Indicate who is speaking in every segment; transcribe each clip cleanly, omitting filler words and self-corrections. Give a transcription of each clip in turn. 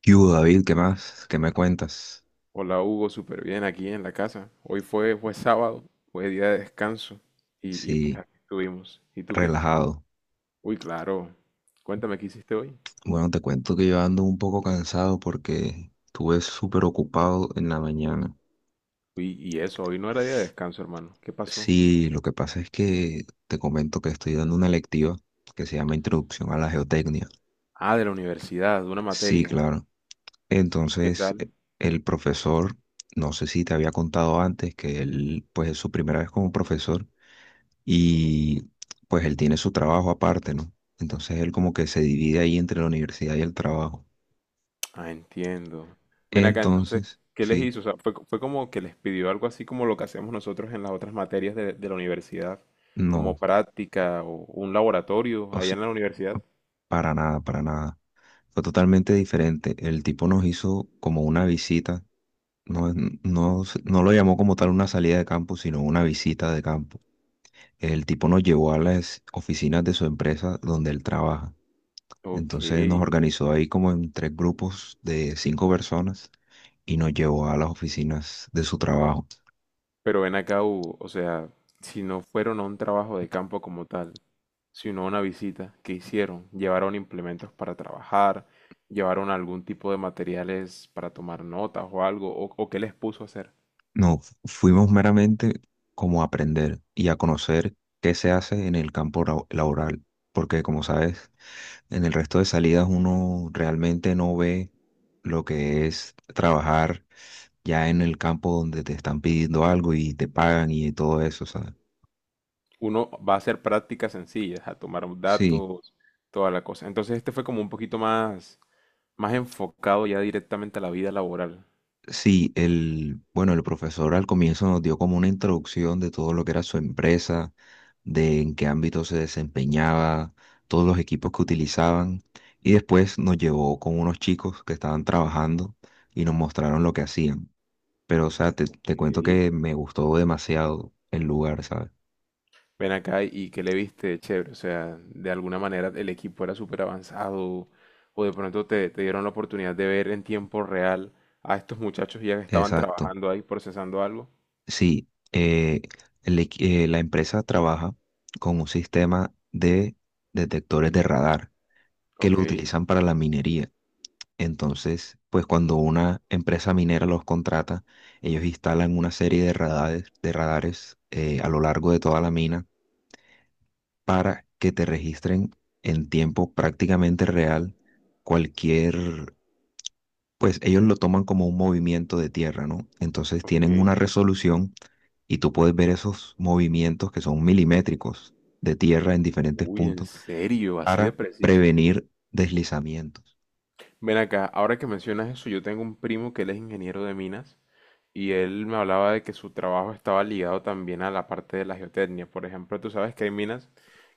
Speaker 1: ¿Qué hubo, David? ¿Qué más? ¿Qué me cuentas?
Speaker 2: Hola Hugo, súper bien aquí en la casa. Hoy fue sábado, fue día de descanso y pues
Speaker 1: Sí,
Speaker 2: aquí estuvimos. ¿Y tú qué?
Speaker 1: relajado.
Speaker 2: Uy, claro. Cuéntame qué hiciste hoy.
Speaker 1: Bueno, te cuento que yo ando un poco cansado porque estuve súper ocupado en la mañana.
Speaker 2: Uy, y eso, hoy no era día de descanso, hermano. ¿Qué pasó?
Speaker 1: Sí, lo que pasa es que te comento que estoy dando una lectiva que se llama Introducción a la Geotecnia.
Speaker 2: Ah, de la universidad, de una
Speaker 1: Sí,
Speaker 2: materia.
Speaker 1: claro.
Speaker 2: ¿Y qué
Speaker 1: Entonces,
Speaker 2: tal?
Speaker 1: el profesor, no sé si te había contado antes que él, pues es su primera vez como profesor y pues él tiene su trabajo aparte, ¿no? Entonces él como que se divide ahí entre la universidad y el trabajo.
Speaker 2: Ah, entiendo. Ven acá entonces,
Speaker 1: Entonces,
Speaker 2: ¿qué les
Speaker 1: sí,
Speaker 2: hizo? O sea, fue como que les pidió algo así como lo que hacemos nosotros en las otras materias de la universidad,
Speaker 1: no,
Speaker 2: como práctica o un laboratorio
Speaker 1: o
Speaker 2: allá
Speaker 1: s-
Speaker 2: en la universidad.
Speaker 1: para nada, para nada. Fue totalmente diferente. El tipo nos hizo como una visita, no, no, no lo llamó como tal una salida de campo, sino una visita de campo. El tipo nos llevó a las oficinas de su empresa donde él trabaja.
Speaker 2: Ok.
Speaker 1: Entonces nos organizó ahí como en tres grupos de cinco personas y nos llevó a las oficinas de su trabajo.
Speaker 2: Pero ven acá, Hugo, o sea, si no fueron a un trabajo de campo como tal, sino a una visita, ¿qué hicieron? ¿Llevaron implementos para trabajar? ¿Llevaron algún tipo de materiales para tomar notas o algo? ¿O qué les puso a hacer?
Speaker 1: No, fuimos meramente como a aprender y a conocer qué se hace en el campo laboral, porque como sabes, en el resto de salidas uno realmente no ve lo que es trabajar ya en el campo donde te están pidiendo algo y te pagan y todo eso, ¿sabes?
Speaker 2: Uno va a hacer prácticas sencillas, a tomar
Speaker 1: Sí.
Speaker 2: datos, toda la cosa. Entonces este fue como un poquito más, más enfocado ya directamente a la vida laboral.
Speaker 1: Sí, bueno, el profesor al comienzo nos dio como una introducción de todo lo que era su empresa, de en qué ámbito se desempeñaba, todos los equipos que utilizaban, y después nos llevó con unos chicos que estaban trabajando y nos mostraron lo que hacían. Pero, o sea, te cuento
Speaker 2: Ok.
Speaker 1: que me gustó demasiado el lugar, ¿sabes?
Speaker 2: Ven acá y que le viste chévere, o sea, de alguna manera el equipo era súper avanzado o de pronto te dieron la oportunidad de ver en tiempo real a estos muchachos ya que estaban
Speaker 1: Exacto.
Speaker 2: trabajando ahí procesando algo.
Speaker 1: Sí, eh, la empresa trabaja con un sistema de detectores de radar que
Speaker 2: Ok,
Speaker 1: lo utilizan para la minería. Entonces, pues cuando una empresa minera los contrata, ellos instalan una serie de radares, a lo largo de toda la mina para que te registren en tiempo prácticamente real cualquier, pues ellos lo toman como un movimiento de tierra, ¿no? Entonces
Speaker 2: ok.
Speaker 1: tienen una resolución y tú puedes ver esos movimientos que son milimétricos de tierra en diferentes
Speaker 2: Uy, ¿en
Speaker 1: puntos
Speaker 2: serio? Así de
Speaker 1: para
Speaker 2: preciso.
Speaker 1: prevenir deslizamientos.
Speaker 2: Ven acá, ahora que mencionas eso, yo tengo un primo que él es ingeniero de minas y él me hablaba de que su trabajo estaba ligado también a la parte de la geotecnia. Por ejemplo, tú sabes que hay minas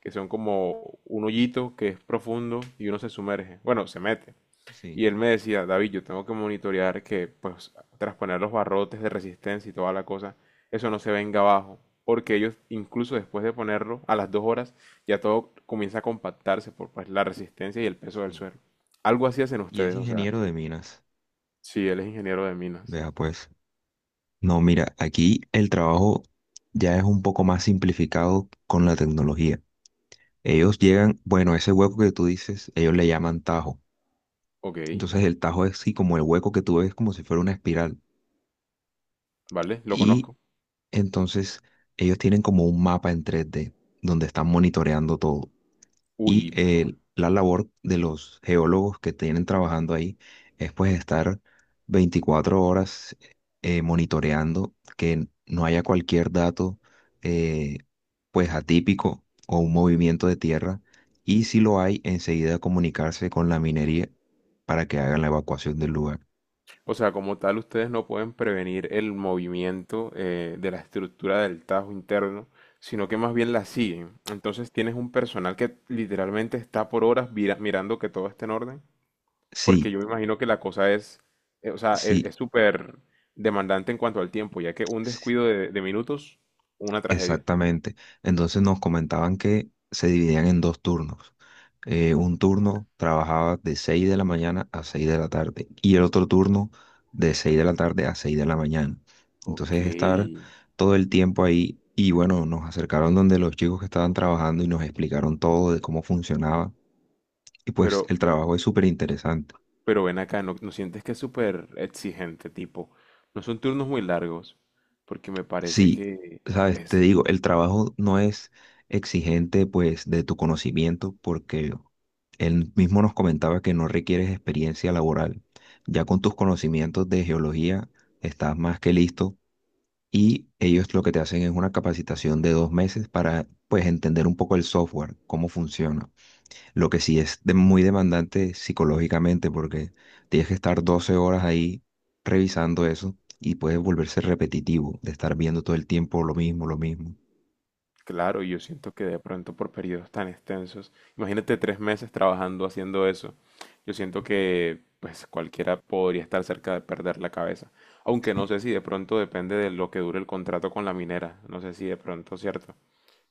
Speaker 2: que son como un hoyito que es profundo y uno se sumerge. Bueno, se mete.
Speaker 1: Sí,
Speaker 2: Y él me decía: David, yo tengo que monitorear que, pues, tras poner los barrotes de resistencia y toda la cosa, eso no se venga abajo. Porque ellos, incluso después de ponerlo, a las 2 horas, ya todo comienza a compactarse por, pues, la resistencia y el peso del
Speaker 1: sí.
Speaker 2: suelo. Algo así hacen
Speaker 1: Y es
Speaker 2: ustedes, o sea,
Speaker 1: ingeniero de minas.
Speaker 2: sí, él es ingeniero de minas.
Speaker 1: Vea pues. No, mira, aquí el trabajo ya es un poco más simplificado con la tecnología. Ellos llegan, bueno, ese hueco que tú dices, ellos le llaman tajo.
Speaker 2: Ok,
Speaker 1: Entonces el tajo es así como el hueco que tú ves como si fuera una espiral.
Speaker 2: vale, lo
Speaker 1: Y
Speaker 2: conozco.
Speaker 1: entonces ellos tienen como un mapa en 3D donde están monitoreando todo. Y
Speaker 2: Uy,
Speaker 1: eh,
Speaker 2: pero
Speaker 1: la labor de los geólogos que tienen trabajando ahí es pues estar 24 horas monitoreando que no haya cualquier dato eh, pues atípico o un movimiento de tierra y si lo hay, enseguida comunicarse con la minería para que hagan la evacuación del lugar.
Speaker 2: o sea, como tal, ustedes no pueden prevenir el movimiento de la estructura del tajo interno, sino que más bien la siguen. Entonces tienes un personal que literalmente está por horas mirando que todo esté en orden, porque
Speaker 1: Sí,
Speaker 2: yo me imagino que la cosa es, o sea, es
Speaker 1: sí,
Speaker 2: es súper demandante en cuanto al tiempo, ya que un
Speaker 1: sí.
Speaker 2: descuido de minutos, una tragedia.
Speaker 1: Exactamente. Entonces nos comentaban que se dividían en dos turnos. Un turno trabajaba de 6 de la mañana a 6 de la tarde y el otro turno de 6 de la tarde a 6 de la mañana.
Speaker 2: Ok,
Speaker 1: Entonces estar todo el tiempo ahí y bueno, nos acercaron donde los chicos que estaban trabajando y nos explicaron todo de cómo funcionaba y pues
Speaker 2: pero,
Speaker 1: el trabajo es súper interesante.
Speaker 2: pero ven acá, ¿no sientes que es súper exigente, tipo? No son turnos muy largos, porque me parece
Speaker 1: Sí,
Speaker 2: que...
Speaker 1: sabes, te
Speaker 2: Es
Speaker 1: digo, el trabajo no es exigente pues de tu conocimiento porque él mismo nos comentaba que no requieres experiencia laboral. Ya con tus conocimientos de geología estás más que listo y ellos lo que te hacen es una capacitación de 2 meses para pues entender un poco el software, cómo funciona. Lo que sí es muy demandante psicológicamente porque tienes que estar 12 horas ahí revisando eso y puedes volverse repetitivo de estar viendo todo el tiempo lo mismo, lo mismo.
Speaker 2: claro, yo siento que de pronto por periodos tan extensos, imagínate 3 meses trabajando haciendo eso, yo siento que pues cualquiera podría estar cerca de perder la cabeza, aunque no sé si de pronto depende de lo que dure el contrato con la minera, no sé si de pronto, ¿cierto?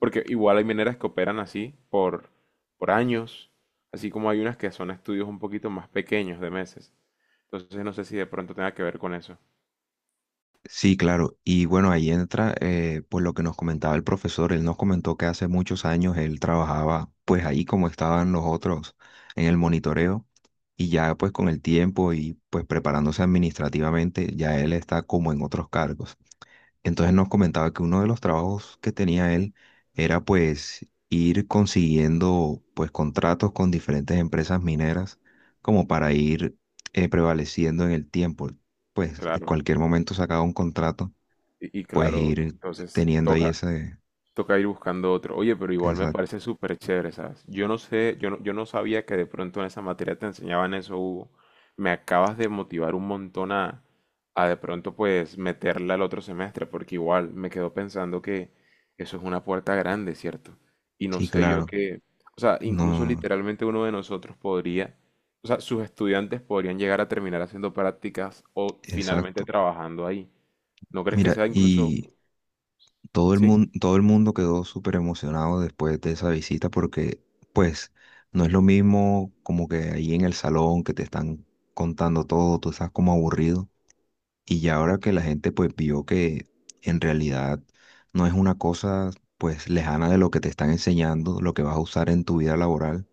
Speaker 2: Porque igual hay mineras que operan así por años, así como hay unas que son estudios un poquito más pequeños de meses, entonces no sé si de pronto tenga que ver con eso,
Speaker 1: Sí, claro. Y bueno, ahí entra pues lo que nos comentaba el profesor. Él nos comentó que hace muchos años él trabajaba pues ahí como estaban los otros en el monitoreo y ya pues con el tiempo y pues preparándose administrativamente, ya él está como en otros cargos. Entonces nos comentaba que uno de los trabajos que tenía él era pues ir consiguiendo pues contratos con diferentes empresas mineras como para ir prevaleciendo en el tiempo. Pues en
Speaker 2: claro,
Speaker 1: cualquier momento sacaba un contrato,
Speaker 2: y
Speaker 1: pues
Speaker 2: claro,
Speaker 1: ir
Speaker 2: entonces
Speaker 1: teniendo ahí
Speaker 2: toca.
Speaker 1: ese,
Speaker 2: Toca ir buscando otro. Oye, pero igual me
Speaker 1: esa.
Speaker 2: parece súper chévere, ¿sabes? Yo no sé, yo no, yo no sabía que de pronto en esa materia te enseñaban eso, Hugo. Me acabas de motivar un montón a de pronto pues meterla al otro semestre, porque igual me quedo pensando que eso es una puerta grande, ¿cierto? Y no
Speaker 1: Sí,
Speaker 2: sé yo
Speaker 1: claro.
Speaker 2: qué, o sea, incluso
Speaker 1: No.
Speaker 2: literalmente uno de nosotros podría, o sea, sus estudiantes podrían llegar a terminar haciendo prácticas o finalmente
Speaker 1: Exacto.
Speaker 2: trabajando ahí. ¿No crees que
Speaker 1: Mira,
Speaker 2: sea incluso,
Speaker 1: y todo el
Speaker 2: sí?
Speaker 1: mundo, todo el mundo quedó súper emocionado después de esa visita porque, pues, no es lo mismo como que ahí en el salón que te están contando todo, tú estás como aburrido. Y ya ahora que la gente pues vio que en realidad no es una cosa pues lejana de lo que te están enseñando, lo que vas a usar en tu vida laboral,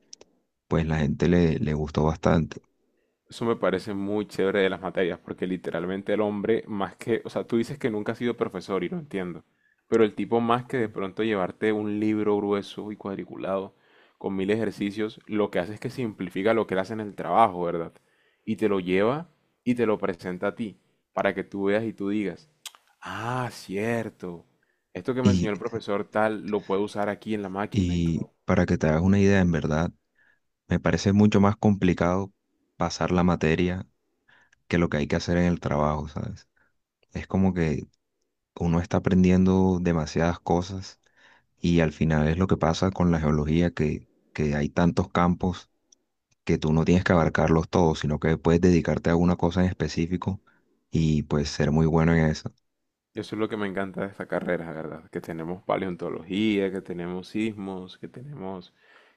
Speaker 1: pues la gente le gustó bastante.
Speaker 2: Eso me parece muy chévere de las materias, porque literalmente el hombre, más que, o sea, tú dices que nunca has sido profesor y lo entiendo, pero el tipo más que de pronto llevarte un libro grueso y cuadriculado con mil ejercicios, lo que hace es que simplifica lo que él hace en el trabajo, ¿verdad? Y te lo lleva y te lo presenta a ti, para que tú veas y tú digas, ah, cierto, esto que me enseñó
Speaker 1: Y,
Speaker 2: el profesor tal lo puedo usar aquí en la máquina. Y tú
Speaker 1: y para que te hagas una idea, en verdad, me parece mucho más complicado pasar la materia que lo que hay que hacer en el trabajo, ¿sabes? Es como que uno está aprendiendo demasiadas cosas y al final es lo que pasa con la geología, que hay tantos campos que tú no tienes que abarcarlos todos, sino que puedes dedicarte a una cosa en específico y pues ser muy bueno en eso.
Speaker 2: eso es lo que me encanta de esta carrera, la ¿verdad? Que tenemos paleontología, que tenemos sismos, que tenemos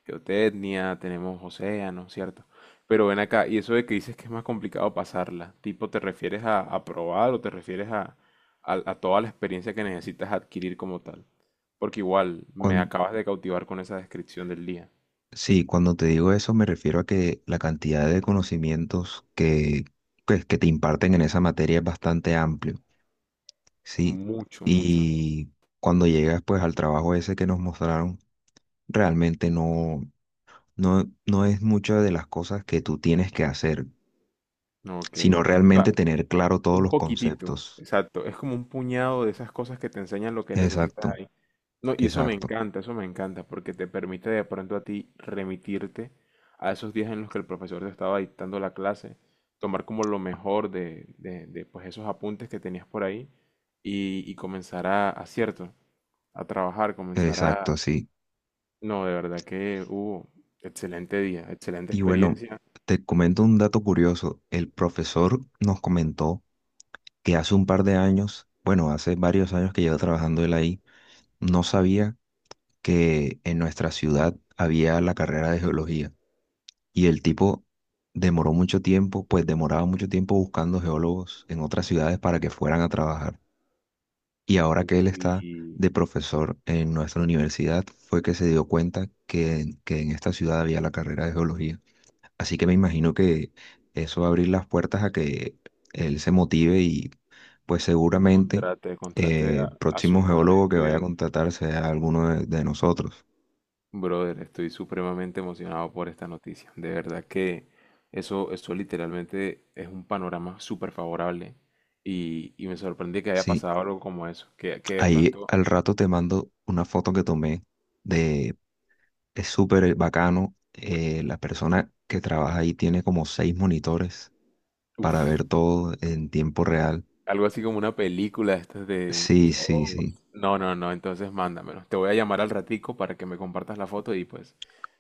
Speaker 2: geotecnia, tenemos océanos, ¿cierto? Pero ven acá, y eso de que dices que es más complicado pasarla, tipo, ¿te refieres a probar o te refieres a toda la experiencia que necesitas adquirir como tal? Porque igual, me
Speaker 1: Cuan-
Speaker 2: acabas de cautivar con esa descripción del día.
Speaker 1: sí, cuando te digo eso me refiero a que la cantidad de conocimientos que, pues, que te imparten en esa materia es bastante amplio, ¿sí?
Speaker 2: Mucho, mucho.
Speaker 1: Y cuando llegas pues al trabajo ese que nos mostraron, realmente no, no, no es mucho de las cosas que tú tienes que hacer,
Speaker 2: Ok.
Speaker 1: sino
Speaker 2: O
Speaker 1: realmente
Speaker 2: sea,
Speaker 1: tener
Speaker 2: u-
Speaker 1: claro todos
Speaker 2: un
Speaker 1: los
Speaker 2: poquitito,
Speaker 1: conceptos.
Speaker 2: exacto. Es como un puñado de esas cosas que te enseñan lo que
Speaker 1: Exacto,
Speaker 2: necesitas ahí. No, y
Speaker 1: exacto,
Speaker 2: eso me encanta, porque te permite de pronto a ti remitirte a esos días en los que el profesor te estaba dictando la clase, tomar como lo mejor de pues esos apuntes que tenías por ahí y comenzar a cierto, a trabajar, comenzar a...
Speaker 1: exacto, sí.
Speaker 2: No, de verdad que hubo excelente día, excelente
Speaker 1: Y bueno,
Speaker 2: experiencia.
Speaker 1: te comento un dato curioso. El profesor nos comentó que hace un par de años, bueno, hace varios años que lleva trabajando él ahí, no sabía que en nuestra ciudad había la carrera de geología. Y el tipo demoró mucho tiempo, pues demoraba mucho tiempo buscando geólogos en otras ciudades para que fueran a trabajar. Y ahora que él está
Speaker 2: Uy,
Speaker 1: de profesor en nuestra universidad, fue que se dio cuenta que en esta ciudad había la carrera de geología. Así que me imagino que eso va a abrir las puertas a que él se motive y pues
Speaker 2: y
Speaker 1: seguramente
Speaker 2: contrate, contrate a
Speaker 1: próximo
Speaker 2: sus mejores
Speaker 1: geólogo que vaya a
Speaker 2: estudiantes.
Speaker 1: contratar sea alguno de nosotros.
Speaker 2: Brother, estoy supremamente emocionado por esta noticia. De verdad que eso literalmente es un panorama súper favorable y me sorprendí que haya
Speaker 1: Sí,
Speaker 2: pasado algo como eso, que de
Speaker 1: ahí
Speaker 2: pronto,
Speaker 1: al rato te mando una foto que tomé de. Es súper bacano. La persona que trabaja ahí tiene como seis monitores para
Speaker 2: uff,
Speaker 1: ver todo en tiempo real.
Speaker 2: algo así como una película de estas de
Speaker 1: Sí,
Speaker 2: Dios.
Speaker 1: sí, sí.
Speaker 2: No, no, no, entonces mándamelo. Te voy a llamar al ratico para que me compartas la foto y pues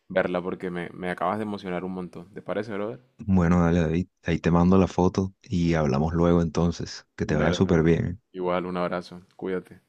Speaker 2: verla porque me acabas de emocionar un montón. ¿Te parece, brother?
Speaker 1: Bueno, dale, David, ahí te mando la foto y hablamos luego entonces. Que te vaya
Speaker 2: Dale,
Speaker 1: súper
Speaker 2: hermano.
Speaker 1: bien. ¿Eh?
Speaker 2: Igual, un abrazo. Cuídate.